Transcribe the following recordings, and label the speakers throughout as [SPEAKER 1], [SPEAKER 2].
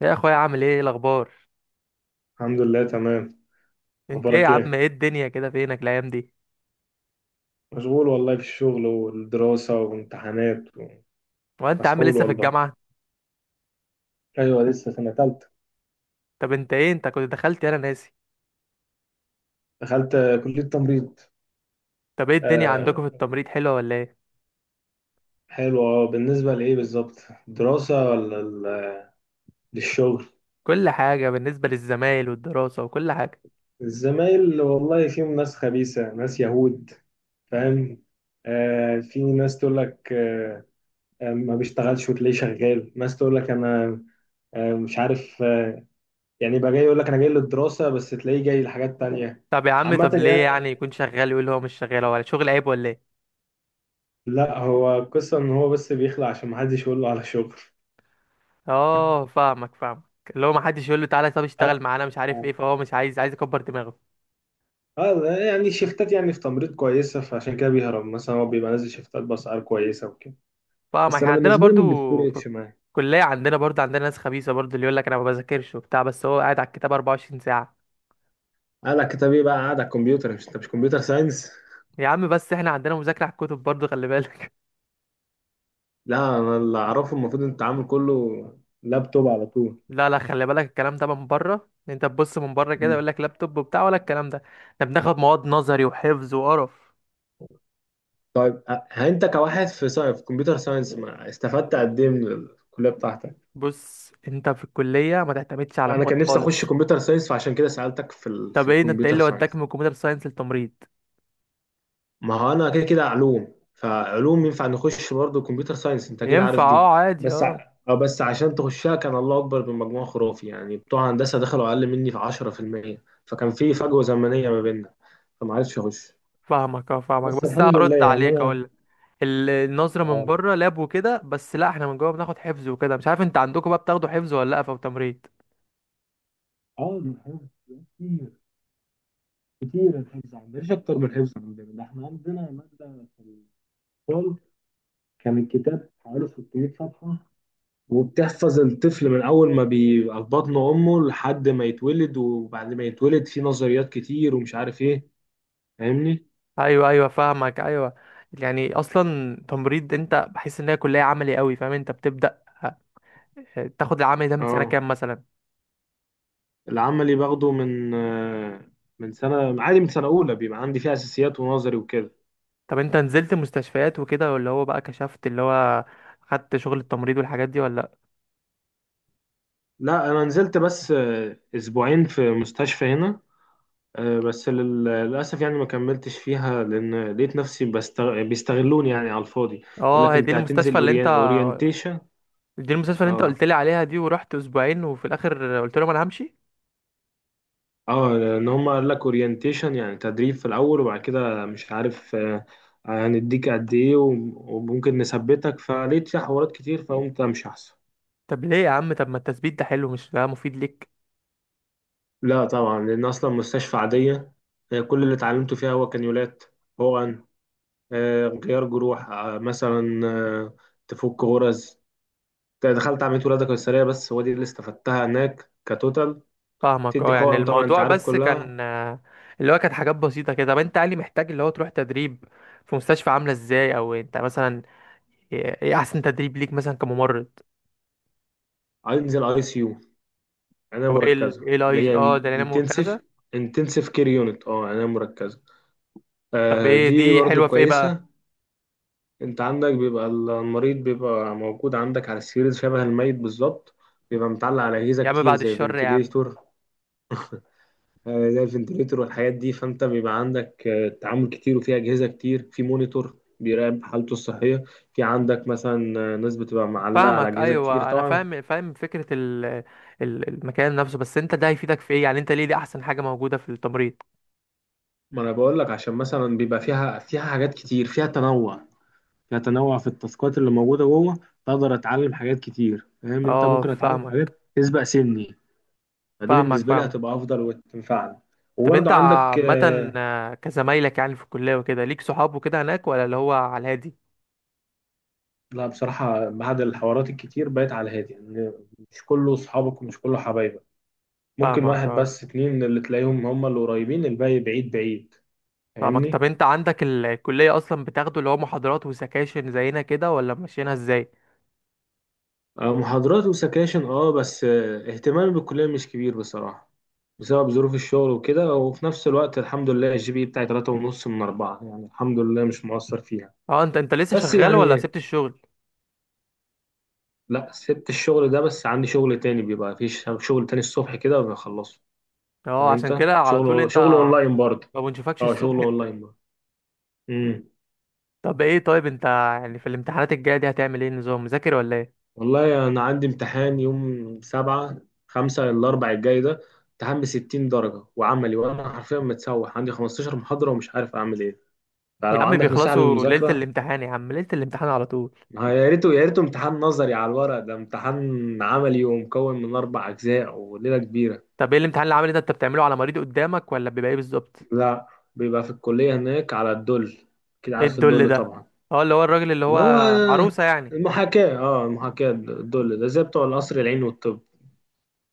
[SPEAKER 1] يا اخويا عامل ايه؟ إيه الاخبار؟
[SPEAKER 2] الحمد لله، تمام.
[SPEAKER 1] انت ايه يا
[SPEAKER 2] اخبارك
[SPEAKER 1] عم؟
[SPEAKER 2] ايه؟
[SPEAKER 1] ايه الدنيا كده؟ فينك الايام دي؟
[SPEAKER 2] مشغول والله، في الشغل والدراسة وامتحانات.
[SPEAKER 1] وانت يا عم
[SPEAKER 2] مسحول
[SPEAKER 1] لسه في
[SPEAKER 2] والله.
[SPEAKER 1] الجامعه؟
[SPEAKER 2] ايوه، لسه سنة تالتة.
[SPEAKER 1] طب انت ايه؟ انت كنت دخلت انا ناسي.
[SPEAKER 2] دخلت كلية تمريض.
[SPEAKER 1] طب ايه الدنيا عندكم
[SPEAKER 2] آه.
[SPEAKER 1] في التمريض؟ حلوه ولا ايه؟
[SPEAKER 2] حلو. اه، بالنسبة لايه بالظبط؟ دراسة ولا للشغل؟
[SPEAKER 1] كل حاجه بالنسبه للزمايل والدراسه وكل حاجه.
[SPEAKER 2] الزمايل والله فيهم ناس خبيثة، ناس يهود. فاهم؟ آه، في ناس تقول لك آه، ما بيشتغلش وتلاقيه شغال. ناس تقول لك انا آه، مش عارف، يعني بقى جاي يقول لك انا جاي للدراسة، بس تلاقيه جاي لحاجات تانية.
[SPEAKER 1] طب يا عم، طب
[SPEAKER 2] عامة
[SPEAKER 1] ليه
[SPEAKER 2] يعني،
[SPEAKER 1] يعني يكون شغال ويقول هو مش شغال؟ ولا شغل عيب ولا ايه؟
[SPEAKER 2] لا، هو القصة ان هو بس بيخلع عشان محدش يقول له على شغل.
[SPEAKER 1] اه فاهمك فاهمك. اللي هو ما حدش يقول له تعالى طب
[SPEAKER 2] اه.
[SPEAKER 1] اشتغل معانا مش عارف ايه، فهو مش عايز، عايز يكبر دماغه.
[SPEAKER 2] يعني شيفتات، يعني في تمريض كويسة، فعشان كده بيهرب. مثلا هو بيبقى نازل شيفتات بأسعار كويسة وكده. بس
[SPEAKER 1] فاهمك،
[SPEAKER 2] انا
[SPEAKER 1] عندنا
[SPEAKER 2] بالنسبة لي ما
[SPEAKER 1] برضو في
[SPEAKER 2] بيفرقش معايا.
[SPEAKER 1] الكليه عندنا برضو، عندنا ناس خبيثه برضو اللي يقول لك انا ما بذاكرش وبتاع، بس هو قاعد على الكتاب 24 ساعه.
[SPEAKER 2] قال لك طب ايه بقى قاعد على الكمبيوتر؟ مش انت مش كمبيوتر ساينس؟
[SPEAKER 1] يا عم بس احنا عندنا مذاكرة على الكتب برضو، خلي بالك.
[SPEAKER 2] لا، انا اللي اعرفه المفروض ان التعامل كله لابتوب على طول.
[SPEAKER 1] لا، خلي بالك، الكلام ده من بره، إن انت تبص من بره كده
[SPEAKER 2] مم.
[SPEAKER 1] يقول لك لابتوب وبتاع ولا الكلام ده. احنا بناخد مواد نظري وحفظ وقرف.
[SPEAKER 2] طيب، انت كواحد في ساينس، في كمبيوتر ساينس، ما استفدت قد ايه من الكليه بتاعتك؟
[SPEAKER 1] بص انت في الكلية ما تعتمدش على
[SPEAKER 2] انا
[SPEAKER 1] مواد
[SPEAKER 2] كان نفسي اخش
[SPEAKER 1] خالص.
[SPEAKER 2] كمبيوتر ساينس، فعشان كده سالتك في في
[SPEAKER 1] طب ايه ده؟ انت ايه
[SPEAKER 2] الكمبيوتر
[SPEAKER 1] اللي وداك
[SPEAKER 2] ساينس.
[SPEAKER 1] من كمبيوتر ساينس للتمريض؟
[SPEAKER 2] ما هو انا كده كده علوم، فعلوم ينفع نخش برضه كمبيوتر ساينس، انت اكيد
[SPEAKER 1] ينفع،
[SPEAKER 2] عارف دي.
[SPEAKER 1] اه عادي
[SPEAKER 2] بس
[SPEAKER 1] اه.
[SPEAKER 2] بس عشان تخشها كان الله اكبر، بمجموع خرافي يعني، بتوع هندسه دخلوا اقل مني في 10%، فكان في فجوه زمنيه ما بيننا، فما عرفتش اخش.
[SPEAKER 1] فاهمك اه فاهمك،
[SPEAKER 2] بس
[SPEAKER 1] بس
[SPEAKER 2] الحمد لله
[SPEAKER 1] هرد
[SPEAKER 2] يعني
[SPEAKER 1] عليك
[SPEAKER 2] انا.
[SPEAKER 1] اقول لك. النظرة من
[SPEAKER 2] اه.
[SPEAKER 1] بره لاب وكده بس، لا احنا من جوه بناخد حفظ وكده. مش عارف انت عندكم بقى بتاخدوا حفظ ولا لا في تمريض؟
[SPEAKER 2] اه، الحفظ كتير. كتير الحفظ عندنا، مش اكتر من الحفظ عندنا ده. احنا عندنا ماده في الفصل كان الكتاب حوالي 600 صفحه، وبتحفظ الطفل من اول ما بيبقى في بطن امه لحد ما يتولد، وبعد ما يتولد في نظريات كتير ومش عارف ايه. فاهمني؟
[SPEAKER 1] ايوه ايوه فاهمك ايوه. يعني اصلا تمريض، انت بحس ان هي كليه عملي قوي، فاهم؟ انت بتبدا تاخد العمل ده من سنه
[SPEAKER 2] اه.
[SPEAKER 1] كام مثلا؟
[SPEAKER 2] العملي باخده من من سنه عادي، من سنه اولى بيبقى عندي فيها اساسيات ونظري وكده.
[SPEAKER 1] طب انت نزلت مستشفيات وكده، ولا هو بقى كشفت اللي هو، خدت شغل التمريض والحاجات دي ولا لأ؟
[SPEAKER 2] لا، انا نزلت بس اسبوعين في مستشفى هنا. بس للاسف يعني ما كملتش فيها، لان لقيت نفسي بيستغلوني يعني على الفاضي. يقول
[SPEAKER 1] اه
[SPEAKER 2] لك
[SPEAKER 1] هي دي
[SPEAKER 2] انت هتنزل
[SPEAKER 1] المستشفى اللي انت،
[SPEAKER 2] اورينتيشن.
[SPEAKER 1] دي المستشفى اللي انت
[SPEAKER 2] آه.
[SPEAKER 1] قلت لي عليها دي، ورحت اسبوعين وفي الاخر قلت لهم انا همشي.
[SPEAKER 2] اه، لان هم قال لك اورينتيشن يعني تدريب في الاول، وبعد كده مش عارف هنديك قد ايه وم- وممكن نثبتك. فلقيت فيها حوارات كتير، فقمت امشي احسن.
[SPEAKER 1] طب ليه يا عم؟ طب ما التثبيت ده حلو، مش ده مفيد ليك؟
[SPEAKER 2] لا طبعا، لان اصلا مستشفى عاديه. كل اللي اتعلمته فيها هو كانيولات، حقن، غيار جروح، مثلا، تفك غرز. دخلت عمليه ولاده قيصريه، بس هو دي اللي استفدتها هناك كتوتال.
[SPEAKER 1] فاهمك اه.
[SPEAKER 2] تدي
[SPEAKER 1] يعني
[SPEAKER 2] حقن طبعا، انت
[SPEAKER 1] الموضوع
[SPEAKER 2] عارف
[SPEAKER 1] بس
[SPEAKER 2] كلها.
[SPEAKER 1] كان اللي هو كانت حاجات بسيطة كده. طب انت قال لي محتاج اللي هو تروح تدريب في مستشفى، عاملة ازاي؟ او انت مثلا ايه ايه احسن تدريب ليك مثلا كممرض؟
[SPEAKER 2] انزل ICU، عناية
[SPEAKER 1] او ايه ال
[SPEAKER 2] مركزة
[SPEAKER 1] ايه
[SPEAKER 2] اللي
[SPEAKER 1] الايز
[SPEAKER 2] هي
[SPEAKER 1] اه ده انا وكذا.
[SPEAKER 2] انتنسيف. انتنسيف كير يونت، اه، عناية مركزة.
[SPEAKER 1] طب
[SPEAKER 2] آه،
[SPEAKER 1] ايه
[SPEAKER 2] دي
[SPEAKER 1] دي
[SPEAKER 2] برضو
[SPEAKER 1] حلوة في ايه بقى؟
[SPEAKER 2] كويسة. انت عندك بيبقى المريض بيبقى موجود عندك على السرير شبه الميت بالظبط، بيبقى متعلق على أجهزة
[SPEAKER 1] يا عم
[SPEAKER 2] كتير
[SPEAKER 1] بعد
[SPEAKER 2] زي
[SPEAKER 1] الشر يا عم.
[SPEAKER 2] فنتليتور. آه، زي الفنتليتور والحاجات دي، فانت بيبقى عندك آه تعامل كتير، وفي أجهزة كتير، في مونيتور بيراقب حالته الصحية. في عندك مثلا ناس بتبقى معلقة على
[SPEAKER 1] فاهمك
[SPEAKER 2] أجهزة كتير
[SPEAKER 1] ايوه، انا
[SPEAKER 2] طبعا.
[SPEAKER 1] فاهم فاهم فكرة ال، المكان نفسه. بس انت ده هيفيدك في ايه يعني؟ انت ليه دي احسن حاجة موجودة في التمريض؟
[SPEAKER 2] ما انا بقول لك، عشان مثلا بيبقى فيها، فيها حاجات كتير، فيها تنوع، كتنوع في التاسكات اللي موجوده جوه. بقدر اتعلم حاجات كتير، فاهم انت؟
[SPEAKER 1] اه
[SPEAKER 2] ممكن اتعلم
[SPEAKER 1] فاهمك
[SPEAKER 2] حاجات تسبق سني، فدي
[SPEAKER 1] فاهمك.
[SPEAKER 2] بالنسبه لي
[SPEAKER 1] فاهمك.
[SPEAKER 2] هتبقى افضل وتنفعني.
[SPEAKER 1] طب
[SPEAKER 2] وبرضه
[SPEAKER 1] انت
[SPEAKER 2] عندك
[SPEAKER 1] عامة
[SPEAKER 2] آه.
[SPEAKER 1] كزمايلك يعني في الكلية وكده ليك صحاب وكده هناك، ولا اللي هو على الهادي آه؟
[SPEAKER 2] لا بصراحه، بعد الحوارات الكتير بقيت على هادي يعني. مش كله صحابك، ومش كله حبايبك. ممكن
[SPEAKER 1] فاهمك
[SPEAKER 2] واحد
[SPEAKER 1] اه
[SPEAKER 2] بس اتنين اللي تلاقيهم هم اللي قريبين، الباقي بعيد بعيد.
[SPEAKER 1] فاهمك. طب
[SPEAKER 2] فاهمني؟
[SPEAKER 1] انت عندك الكلية اصلا بتاخده اللي هو محاضرات وسكاشن زينا كده، ولا ماشيينها ازاي؟
[SPEAKER 2] محاضرات وسكاشن اه، بس اهتمامي بالكلية مش كبير بصراحة، بسبب ظروف الشغل وكده. وفي نفس الوقت الحمد لله الـGPA بتاعي 3.5 من 4، يعني الحمد لله مش مقصر فيها.
[SPEAKER 1] اه انت، انت لسه
[SPEAKER 2] بس
[SPEAKER 1] شغال ولا
[SPEAKER 2] يعني
[SPEAKER 1] سبت الشغل؟
[SPEAKER 2] لا، سبت الشغل ده، بس عندي شغل تاني، بيبقى في شغل تاني الصبح كده وبخلصه. فاهم
[SPEAKER 1] اه عشان
[SPEAKER 2] انت؟
[SPEAKER 1] كده على طول
[SPEAKER 2] شغل،
[SPEAKER 1] انت
[SPEAKER 2] شغل اونلاين برضه.
[SPEAKER 1] ما بنشوفكش
[SPEAKER 2] اه،
[SPEAKER 1] الصبح
[SPEAKER 2] شغل
[SPEAKER 1] انت.
[SPEAKER 2] اونلاين برضه. امم
[SPEAKER 1] طب ايه، طيب انت يعني في الامتحانات الجاية دي هتعمل ايه؟ نظام مذاكر ولا ايه؟
[SPEAKER 2] والله أنا عندي امتحان يوم 7/5، الأربع الجاي ده، امتحان بـ60 درجة وعملي، وأنا حرفيا متسوح. عندي 15 محاضرة ومش عارف أعمل إيه.
[SPEAKER 1] يا
[SPEAKER 2] فلو
[SPEAKER 1] عم
[SPEAKER 2] عندك نصيحة
[SPEAKER 1] بيخلصوا ليلة
[SPEAKER 2] للمذاكرة.
[SPEAKER 1] الامتحان يا عم، ليلة الامتحان على طول.
[SPEAKER 2] ما يا ريته، يا ريته امتحان نظري على الورق. ده امتحان عملي ومكون من 4 أجزاء، وليلة كبيرة.
[SPEAKER 1] طب ايه الامتحان اللي عامل ده؟ انت بتعمله على مريض قدامك، ولا بيبقى ايه بالظبط؟
[SPEAKER 2] لا، بيبقى في الكلية هناك على الدل كده،
[SPEAKER 1] ايه
[SPEAKER 2] عارف
[SPEAKER 1] الدل
[SPEAKER 2] الدل
[SPEAKER 1] ده؟
[SPEAKER 2] طبعا.
[SPEAKER 1] اه اللي هو الراجل اللي هو
[SPEAKER 2] اللي هو
[SPEAKER 1] عروسة يعني.
[SPEAKER 2] المحاكاة. اه، المحاكاة، الدل ده زي بتوع القصر العيني والطب.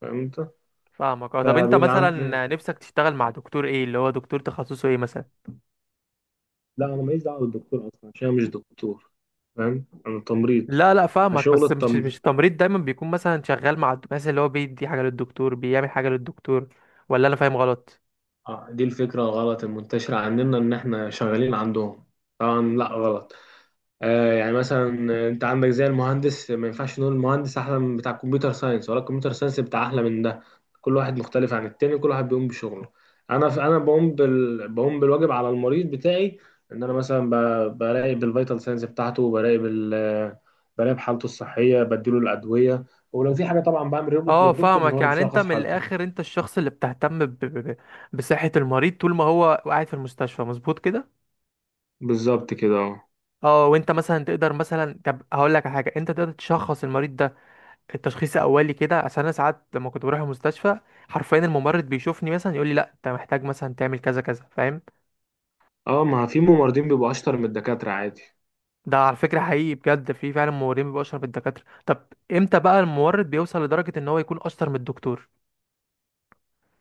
[SPEAKER 2] فاهم انت؟
[SPEAKER 1] فاهمك اه. طب انت
[SPEAKER 2] فبيبقى عند-
[SPEAKER 1] مثلا نفسك تشتغل مع دكتور ايه؟ اللي هو دكتور تخصصه ايه مثلا؟
[SPEAKER 2] لا، انا ماليش دعوه بالدكتور، اصلا عشان انا مش دكتور. فاهم؟ انا تمريض.
[SPEAKER 1] لا لا فاهمك،
[SPEAKER 2] فشغل
[SPEAKER 1] بس مش
[SPEAKER 2] التم...
[SPEAKER 1] مش التمريض دايما بيكون مثلا شغال مع مثلا اللي هو بيدي حاجة للدكتور، بيعمل حاجة للدكتور؟ ولا انا فاهم غلط؟
[SPEAKER 2] آه، دي الفكرة الغلط المنتشرة عندنا، إن إحنا شغالين عندهم. طبعا لأ، غلط. آه، يعني مثلا أنت عندك زي المهندس، ما ينفعش نقول المهندس أحلى من بتاع الكمبيوتر ساينس، ولا الكمبيوتر ساينس بتاع أحلى من ده. كل واحد مختلف عن التاني، كل واحد بيقوم بشغله. أنا بقوم بقوم بالواجب على المريض بتاعي. إن أنا مثلا براقب الفيتال ساينس بتاعته، براقب ال... آه، براقب حالته الصحية، بديله الأدوية، ولو في حاجة طبعا بعمل ريبورت
[SPEAKER 1] اه
[SPEAKER 2] للدكتور، إن هو
[SPEAKER 1] فاهمك.
[SPEAKER 2] اللي
[SPEAKER 1] يعني انت
[SPEAKER 2] بيشخص
[SPEAKER 1] من
[SPEAKER 2] حالته.
[SPEAKER 1] الاخر انت الشخص اللي بتهتم ب- بصحة المريض طول ما هو قاعد في المستشفى، مظبوط كده؟
[SPEAKER 2] بالظبط كده، أه.
[SPEAKER 1] اه وانت مثلا تقدر مثلا، طب هقول لك على حاجة، انت تقدر تشخص المريض ده التشخيص اولي كده؟ عشان انا ساعات لما كنت بروح المستشفى حرفيا الممرض بيشوفني مثلا يقول لي لا انت محتاج مثلا تعمل كذا كذا، فاهم؟
[SPEAKER 2] اه، ما في ممرضين بيبقوا اشطر من الدكاترة عادي.
[SPEAKER 1] ده على فكره حقيقي بجد، في فعلا ممرضين بيبقوا اشطر من الدكاتره. طب امتى بقى الممرض بيوصل لدرجه ان هو يكون اشطر من الدكتور؟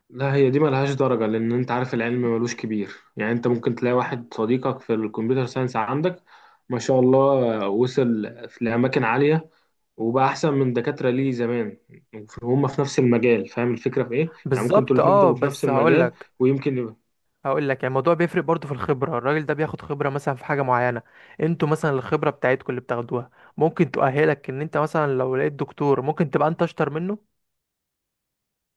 [SPEAKER 2] لا، هي دي ملهاش درجة، لأن أنت عارف العلم ملوش كبير. يعني أنت ممكن تلاقي واحد صديقك في الكمبيوتر ساينس عندك، ما شاء الله، وصل في لأماكن عالية، وبقى أحسن من دكاترة ليه زمان، وهم في نفس المجال. فاهم الفكرة في إيه؟ يعني ممكن أنتوا
[SPEAKER 1] بالظبط
[SPEAKER 2] الاتنين
[SPEAKER 1] اه.
[SPEAKER 2] بتبقوا في نفس
[SPEAKER 1] بس هقول
[SPEAKER 2] المجال،
[SPEAKER 1] لك
[SPEAKER 2] ويمكن.
[SPEAKER 1] هقول لك، يعني الموضوع بيفرق برضه في الخبره. الراجل ده بياخد خبره مثلا في حاجه معينه. انتوا مثلا الخبره بتاعتكم اللي بتاخدوها ممكن تؤهلك ان انت مثلا لو لقيت دكتور ممكن تبقى انت اشطر منه.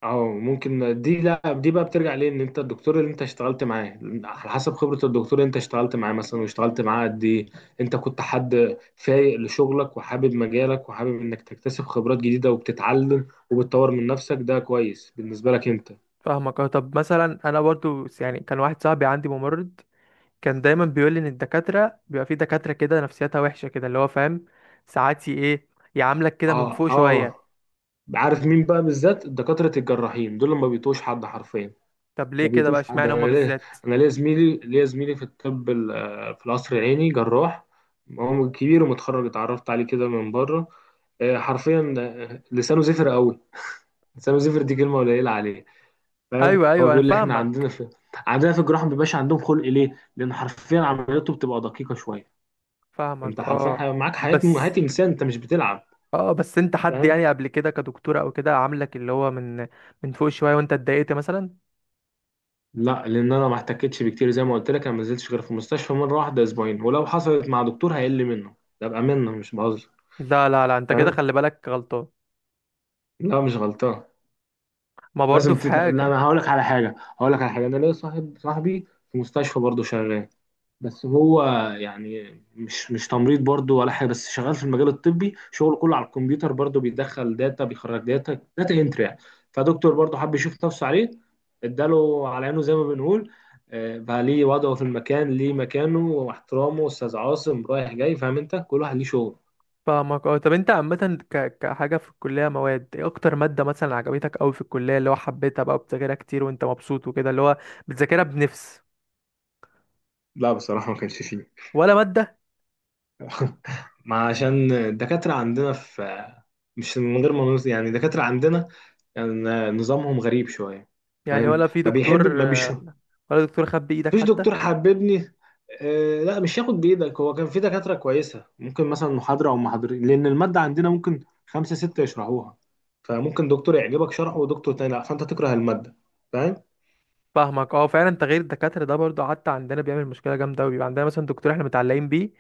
[SPEAKER 2] اه، ممكن دي، لا، دي بقى بترجع ليه، ان انت الدكتور اللي انت اشتغلت معاه على حسب خبرة الدكتور اللي انت اشتغلت معاه مثلا، واشتغلت معاه قد ايه. انت كنت حد فايق لشغلك وحابب مجالك، وحابب انك تكتسب خبرات جديدة، وبتتعلم وبتطور من نفسك، ده كويس بالنسبة لك انت.
[SPEAKER 1] فاهمك اه. طب مثلا انا برضو، يعني كان واحد صاحبي عندي ممرض، كان دايما بيقول لي ان الدكاتره بيبقى في دكاتره كده نفسيتها وحشه كده اللي هو، فاهم؟ ساعات ايه، يعاملك كده من
[SPEAKER 2] اه.
[SPEAKER 1] فوق
[SPEAKER 2] اه،
[SPEAKER 1] شويه.
[SPEAKER 2] عارف مين بقى بالذات؟ دكاترة الجراحين دول اللي ما بيتوش حد حرفيا.
[SPEAKER 1] طب ليه
[SPEAKER 2] ما
[SPEAKER 1] كده بقى؟
[SPEAKER 2] بيطيش حد.
[SPEAKER 1] اشمعنى هما
[SPEAKER 2] انا ليا،
[SPEAKER 1] بالذات؟
[SPEAKER 2] انا ليا زميلي في الطب في القصر العيني جراح، هو كبير ومتخرج، اتعرفت عليه كده من بره. حرفيا لسانه زفر قوي، لسانه زفر دي كلمه قليله عليه. فاهم؟
[SPEAKER 1] ايوه
[SPEAKER 2] هو
[SPEAKER 1] ايوه انا
[SPEAKER 2] بيقول لي احنا عندنا
[SPEAKER 1] فاهمك.
[SPEAKER 2] في عندنا في الجراحه ما بيبقاش عندهم خلق ليه، لان حرفيا عملياته بتبقى دقيقه شويه. انت
[SPEAKER 1] فاهمك
[SPEAKER 2] حرفيا
[SPEAKER 1] اه
[SPEAKER 2] معاك حياه، حياه
[SPEAKER 1] بس.
[SPEAKER 2] انسان، انت مش بتلعب.
[SPEAKER 1] اه بس انت حد
[SPEAKER 2] فاهم؟
[SPEAKER 1] يعني قبل كده كدكتوره او كده عاملك اللي هو من من فوق شويه وانت اتضايقت مثلا؟
[SPEAKER 2] لا، لان انا ما احتكتش بكتير، زي ما قلت لك انا ما نزلتش غير في المستشفى مره واحده اسبوعين، ولو حصلت مع دكتور هيقل منه، ده بامانه مش بهزر.
[SPEAKER 1] لا، انت كده
[SPEAKER 2] فاهم؟
[SPEAKER 1] خلي بالك غلطان.
[SPEAKER 2] لا، مش غلطان.
[SPEAKER 1] ما برضو في
[SPEAKER 2] لا،
[SPEAKER 1] حاجه.
[SPEAKER 2] انا هقول لك على حاجه، انا ليا صاحب، صاحبي في مستشفى برضه شغال، بس هو يعني مش تمريض برضه ولا حاجه، بس شغال في المجال الطبي، شغله كله على الكمبيوتر برضه، بيدخل داتا بيخرج داتا، داتا انتري يعني. فدكتور برضه حب يشوف نفسه عليه، اداله على عينه زي ما بنقول. بقى ليه وضعه في المكان، ليه مكانه واحترامه، استاذ عاصم رايح جاي. فاهم انت؟ كل واحد ليه شغل.
[SPEAKER 1] فاهمك اه. طب انت عامة كحاجة في الكلية، مواد ايه اكتر مادة مثلا عجبتك اوي في الكلية، اللي هو حبيتها بقى بتذاكرها كتير وانت مبسوط وكده، اللي هو بتذاكرها بنفس؟
[SPEAKER 2] لا بصراحة ما كانش فيه.
[SPEAKER 1] ولا مادة
[SPEAKER 2] ما عشان الدكاترة عندنا في، مش من غير ما نقول- يعني الدكاترة عندنا يعني نظامهم غريب شوية.
[SPEAKER 1] يعني؟
[SPEAKER 2] فاهم؟
[SPEAKER 1] ولا في
[SPEAKER 2] ما بيحب
[SPEAKER 1] دكتور
[SPEAKER 2] ما بيش،
[SPEAKER 1] ولا دكتور خد بايدك
[SPEAKER 2] مفيش
[SPEAKER 1] حتى؟
[SPEAKER 2] دكتور حببني. آه، لا مش هياخد بإيدك. هو كان في دكاترة كويسة، ممكن مثلا محاضرة أو محاضرين، لأن المادة عندنا ممكن خمسة ستة يشرحوها، فممكن دكتور يعجبك شرحه ودكتور تاني لا، فأنت تكره المادة. فاهم؟
[SPEAKER 1] فاهمك اه. فعلا تغيير الدكاترة ده برضو حتى عندنا بيعمل مشكلة جامدة اوي. بيبقى عندنا مثلا دكتور احنا متعلقين بيه،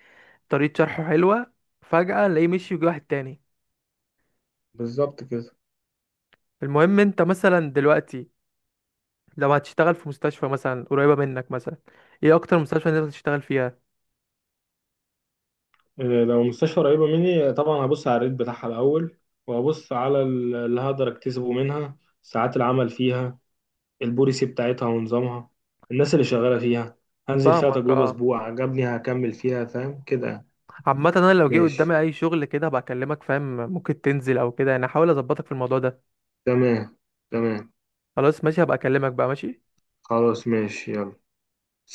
[SPEAKER 1] طريقة شرحه حلوة، فجأة نلاقيه مشي ويجي واحد تاني.
[SPEAKER 2] بالظبط كده.
[SPEAKER 1] المهم انت مثلا دلوقتي لو هتشتغل في مستشفى مثلا قريبة منك مثلا، ايه اكتر مستشفى انت تشتغل فيها؟
[SPEAKER 2] لو مستشفى قريبة مني، طبعا هبص على الريت بتاعها الأول، وهبص على اللي هقدر أكتسبه منها، ساعات العمل فيها، البوليسي بتاعتها ونظامها، الناس اللي شغالة فيها. هنزل فيها
[SPEAKER 1] فاهمك
[SPEAKER 2] تجربة
[SPEAKER 1] اه.
[SPEAKER 2] أسبوع، عجبني هكمل فيها، فاهم كده يعني.
[SPEAKER 1] عامة انا لو جه
[SPEAKER 2] ماشي.
[SPEAKER 1] قدامي اي شغل كده هبقى اكلمك، فاهم؟ ممكن تنزل او كده يعني، هحاول اظبطك في الموضوع ده.
[SPEAKER 2] تمام. تمام.
[SPEAKER 1] خلاص ماشي، هبقى اكلمك بقى، ماشي.
[SPEAKER 2] خلاص ماشي، يلا.